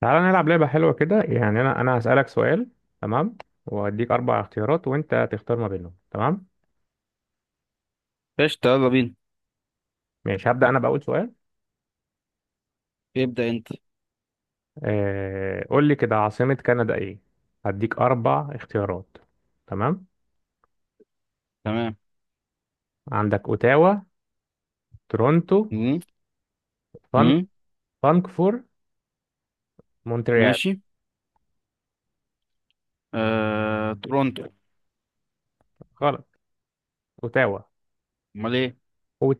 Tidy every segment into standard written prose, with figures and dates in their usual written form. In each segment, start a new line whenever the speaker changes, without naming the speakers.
تعالى نلعب لعبة حلوة كده يعني أنا هسألك سؤال. تمام. وأديك أربع اختيارات وأنت تختار ما بينهم. تمام.
قشطة، يلا بينا.
ماشي، هبدأ أنا بأول سؤال.
ابدأ انت.
قول لي كده، عاصمة كندا إيه؟ هديك أربع اختيارات. تمام.
تمام.
عندك أوتاوا، تورونتو،
مم.
فان...
مم.
فانكفور، مونتريال.
ماشي. تورونتو.
غلط. أوتاوا.
امال ايه؟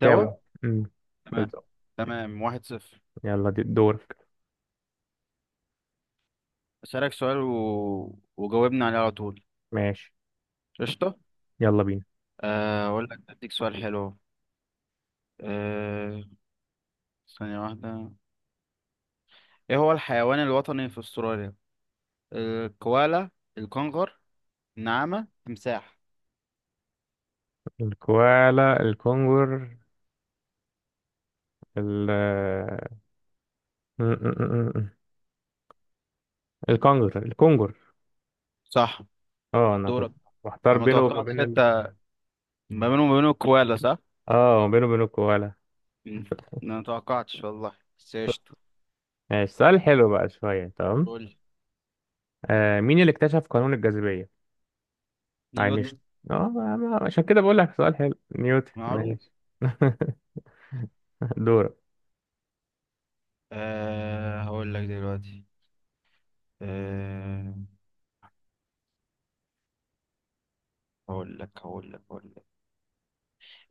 توا.
امم
تمام.
بالظبط.
تمام واحد صفر.
يلا دي دورك.
اسألك سؤال وجاوبني عليه على طول.
ماشي
قشطة.
يلا بينا.
اقول لك اديك سؤال حلو. آه... ثانية واحدة. ايه هو الحيوان الوطني في استراليا؟ الكوالا، الكنغر، النعامة، تمساح.
الكوالا، الكونغر، ال م- م- م- م- الكونغر.
صح.
اه انا كنت
دورك.
محتار
انا ما
بينه وما
توقعتش
بين ال...
حتى. ما بينهم وما بينه الكوالا صح؟
اه بينه وبين الكوالا.
مم. انا ما توقعتش والله، بس قشطة.
ماشي، سؤال حلو بقى شوية. تمام.
قول.
مين اللي اكتشف قانون الجاذبية؟
نيوتن
اينشتاين. عشان كده بقول لك سؤال حلو. نيوتن.
معروف.
ماشي. دورك.
أه هقول لك دلوقتي. أه. هقول لك.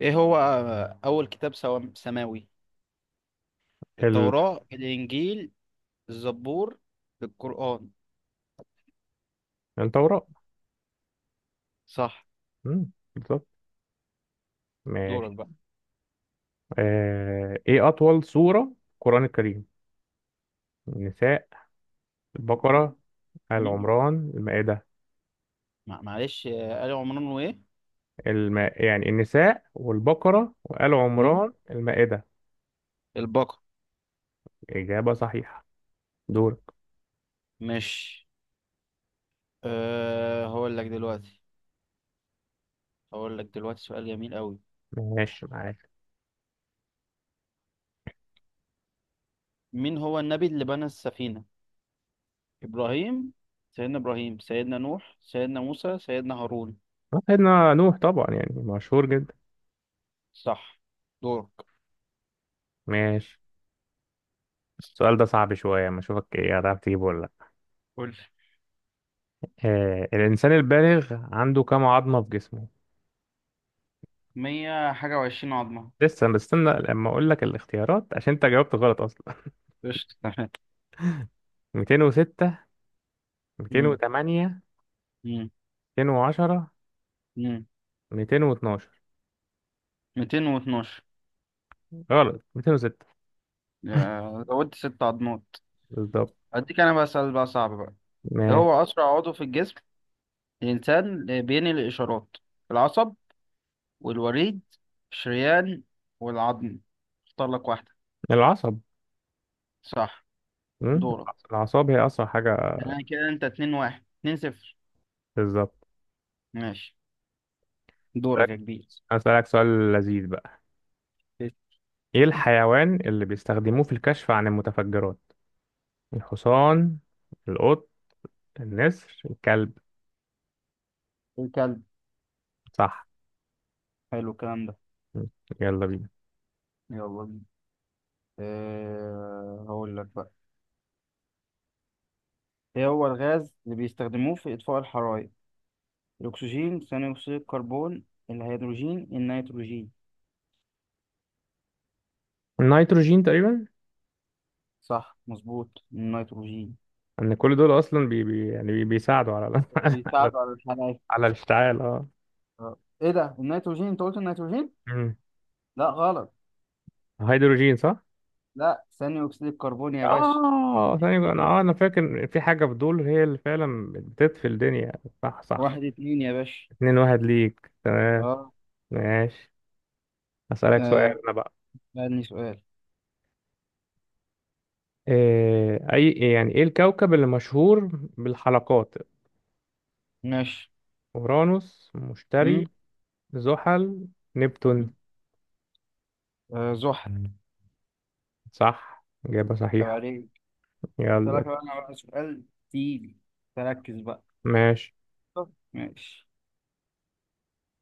ايه هو اول كتاب سماوي؟
ال...
التوراة، الانجيل، الزبور، القرآن.
التوراة.
صح.
بالظبط. ماشي.
دورك بقى.
ايه أطول سورة في القرآن الكريم؟ النساء، البقرة، آل
مم؟
عمران، المائدة.
معلش. آل عمران وايه؟
يعني النساء والبقرة وآل
مم؟
عمران المائدة.
البقرة.
إجابة صحيحة. دورك.
ماشي. أه هقول لك دلوقتي. هقول لك دلوقتي سؤال جميل قوي.
ماشي معاك.
مين هو النبي اللي بنى السفينة؟ ابراهيم، سيدنا ابراهيم، سيدنا نوح، سيدنا موسى، سيدنا هارون.
سيدنا نوح طبعا يعني مشهور جدا.
صح. دورك.
ماشي، السؤال ده صعب شوية، ما اشوفك ايه هتعرف تجيبه ولا لا.
قول لي.
الانسان البالغ عنده كم عظمة في جسمه؟
مية حاجة وعشرين عظمة.
لسه بستنى لما اقول لك الاختيارات، عشان انت جاوبت غلط اصلا.
قشطة تمام.
206،
مم.
208،
مم.
210،
مم.
212.
ميتين واتناشر.
غلط، 206.
زودت ست عظمات.
بالظبط.
أديك أنا بقى سؤال بقى صعب بقى. إيه
ماشي.
هو أسرع عضو في الجسم الإنسان بينقل الإشارات؟ العصب، والوريد، الشريان، والعظم. اختار لك واحدة.
العصب.
صح.
مم،
دورك.
الأعصاب هي أسرع حاجة.
يعني كده أنت اتنين واحد اتنين صفر.
بالظبط.
ماشي. دورك
أسألك
يا كبير.
أسألك سؤال لذيذ بقى. إيه الحيوان اللي بيستخدموه في الكشف عن المتفجرات؟ الحصان، القط، النسر، الكلب.
الكلب.
صح.
حلو الكلام ده.
م. يلا بينا.
يلا بينا. أه هقول لك. ايه هو الغاز اللي بيستخدموه في اطفاء الحرائق؟ الاكسجين، ثاني اكسيد الكربون، الهيدروجين، النيتروجين.
النيتروجين تقريبا.
صح مظبوط، النيتروجين.
ان كل دول اصلا بي بي يعني بي بيساعدوا على على على,
بيساعدوا على الحرق انا.
على الاشتعال اه
آه. ايه ده، النيتروجين؟ انت قلت النيتروجين.
مم.
لا غلط.
هيدروجين صح.
لا، ثاني اكسيد الكربون يا باشا.
اه ثانية، انا
إيه.
اه انا فاكر في حاجة في دول هي اللي فعلا بتطفي الدنيا. صح صح.
واحد اتنين يا باشا.
2-1 ليك. تمام.
اه.
ماشي. هسألك
آه،
سؤال انا بقى.
سألني سؤال.
إيه اي إيه يعني ايه الكوكب اللي مشهور بالحلقات؟
ماشي.
اورانوس،
مم؟
مشتري، زحل، نبتون.
آه، زحل.
صح، إجابة
طب
صحيحة.
عليك.
يلا.
سألك بقى انا بقى سؤال تقيل. تركز بقى.
ماشي.
طب، ماشي.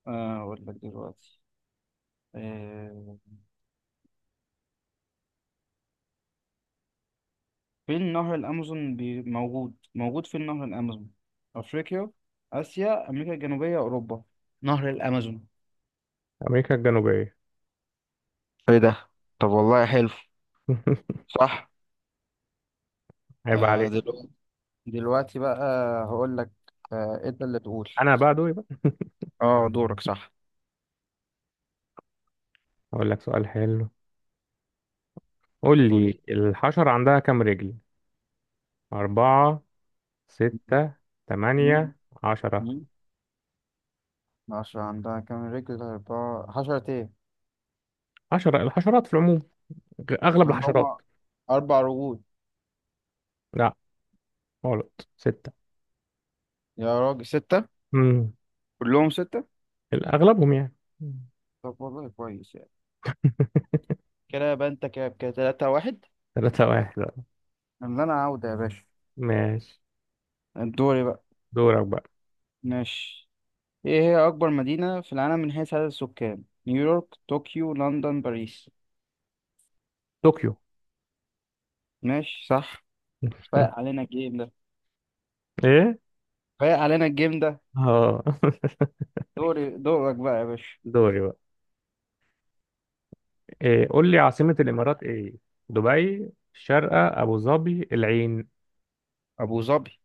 آه اقول لك دلوقتي. آه، في نهر الأمازون موجود في نهر الأمازون. أفريقيا، آسيا، أمريكا الجنوبية، أوروبا. نهر الأمازون.
أمريكا الجنوبية.
ايه ده، طب والله حلو. صح.
عيب عليك.
دلوقتي. دلوقتي بقى هقول لك. أنت اللي تقول.
أنا بقى دوري بقى.
اه دورك صح.
أقول لك سؤال حلو. قول لي،
قولي.
الحشرة عندها كام رجل؟ أربعة، ستة،
مم.
تمانية، 10.
مم. عشرة؟ عندها كام رجل؟ أربعة؟ حشرة إيه؟
عشرة، الحشرات في العموم، أغلب الحشرات.
عندهم أربع رجول.
لا، غلط، ستة.
يا راجل ستة؟
امم
كلهم ستة.
أغلبهم يعني. مم.
طب والله كويس يعني. كده يبقى أنت كده كده تلاتة واحد.
3-1.
اللي انا عاوده يا باشا.
ماشي.
دوري بقى.
دورك بقى.
ماشي. ايه هي اكبر مدينة في العالم من حيث عدد السكان؟ نيويورك، طوكيو، لندن، باريس.
طوكيو.
ماشي صح. فايق علينا الجيم ده.
إيه؟
فايق علينا الجيم ده
اه.
دورك بقى يا باشا.
دوري بقى. إيه قول لي، عاصمة الإمارات إيه؟ دبي، الشارقة، أبو ظبي، العين.
ابو ظبي.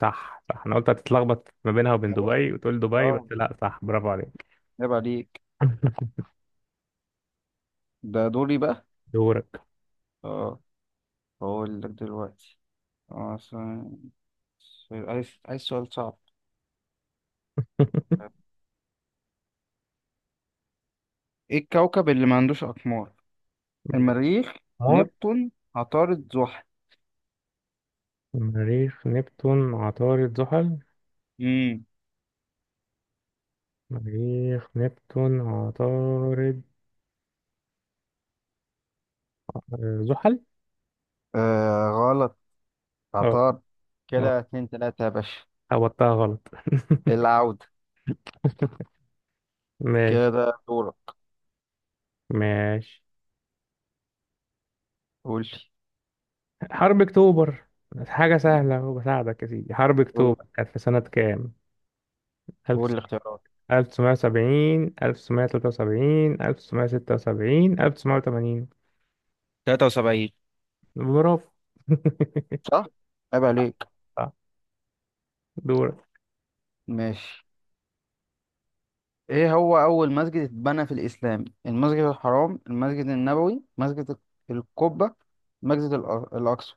صح صح، أنا قلت هتتلخبط ما بينها وبين
اه.
دبي وتقول دبي بس
آه،
لا، صح. برافو عليك.
عيب عليك. ده دوري بقى.
دورك.
اه بقول لك دلوقتي. اه عايز سؤال صعب. ايه الكوكب اللي ما عندوش اقمار؟ المريخ،
مار
نبتون، عطارد، زحل.
مريخ، نبتون، عطارد، زحل.
امم.
مريخ، نبتون، عطارد، زحل.
آه.
اه
عطار
اه
كده اتنين تلاتة يا باشا.
هبطتها غلط.
العودة.
ماشي.
كده دورك.
ماشي،
قول لي.
حرب أكتوبر. حاجة سهلة وبساعدك يا سيدي. حرب
قول،
أكتوبر كانت في سنة كام؟
قول الاختيارات.
1970، 1973، 1976، 1980.
73.
برافو.
صح؟ عيب عليك.
صح. دورك.
ماشي. ايه هو أول مسجد اتبنى في الإسلام؟ المسجد الحرام، المسجد النبوي، مسجد القبة، مسجد الأقصى.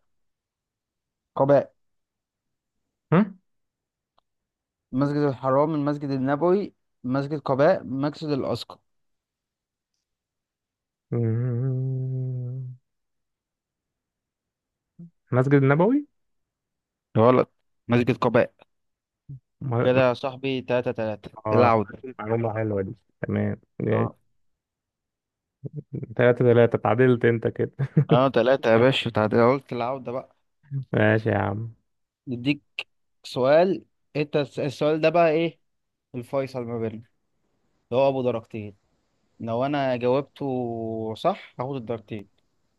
قباء.
هم؟
مسجد الحرام، المسجد النبوي، مسجد قباء، مسجد الأقصى.
مم. مسجد النبوي.
غلط. مسجد قباء. كده
م-
يا صاحبي تلاتة تلاتة،
اه
العودة.
معلومة حلوة دي. تمام.
اه.
3-3، اتعادلت انت كده.
اه تلاتة يا باشا تعادل، قلت العودة بقى.
ماشي يا عم.
نديك سؤال. انت السؤال ده بقى ايه؟ الفيصل ما بيننا اللي هو ابو درجتين. لو انا جاوبته صح هاخد الدرجتين.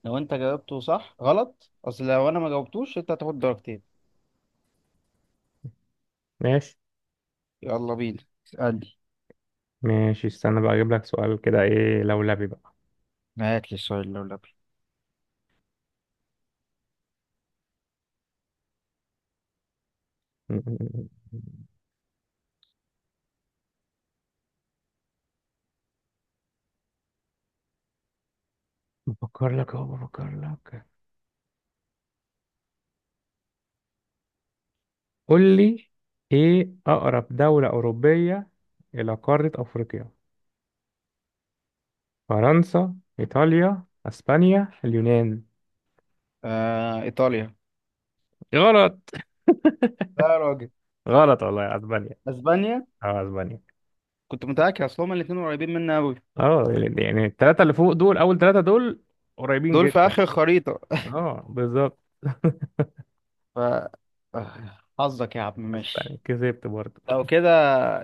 لو انت جاوبته صح غلط اصل لو انا ما جاوبتوش انت هتاخد درجتين.
ماشي،
يلا بينا اسألني.
ماشي، استنى بقى اجيب لك سؤال كده ايه لولبي بقى.
هات لي السؤال لو لبي.
بفكر لك اهو، بفكر لك. قول لي، ايه اقرب دولة اوروبية الى قارة افريقيا؟ فرنسا، إيطاليا، أسبانيا، اليونان.
آه ايطاليا.
غلط.
لا يا راجل.
غلط والله، أسبانيا.
اسبانيا.
اه أسبانيا.
كنت متأكد، اصل هما الاتنين قريبين مني قوي.
اه يعني التلاتة اللي فوق دول، أول تلاتة دول، قريبين
دول في
جدا.
اخر خريطة.
اه بالظبط.
ف حظك يا عم.
أسبانيا
ماشي.
كسبت برضه.
لو كده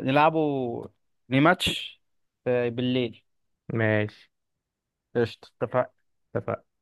نلعبوا ريماتش. بالليل.
ماشي.
قشطة اتفقنا.
اتفقنا.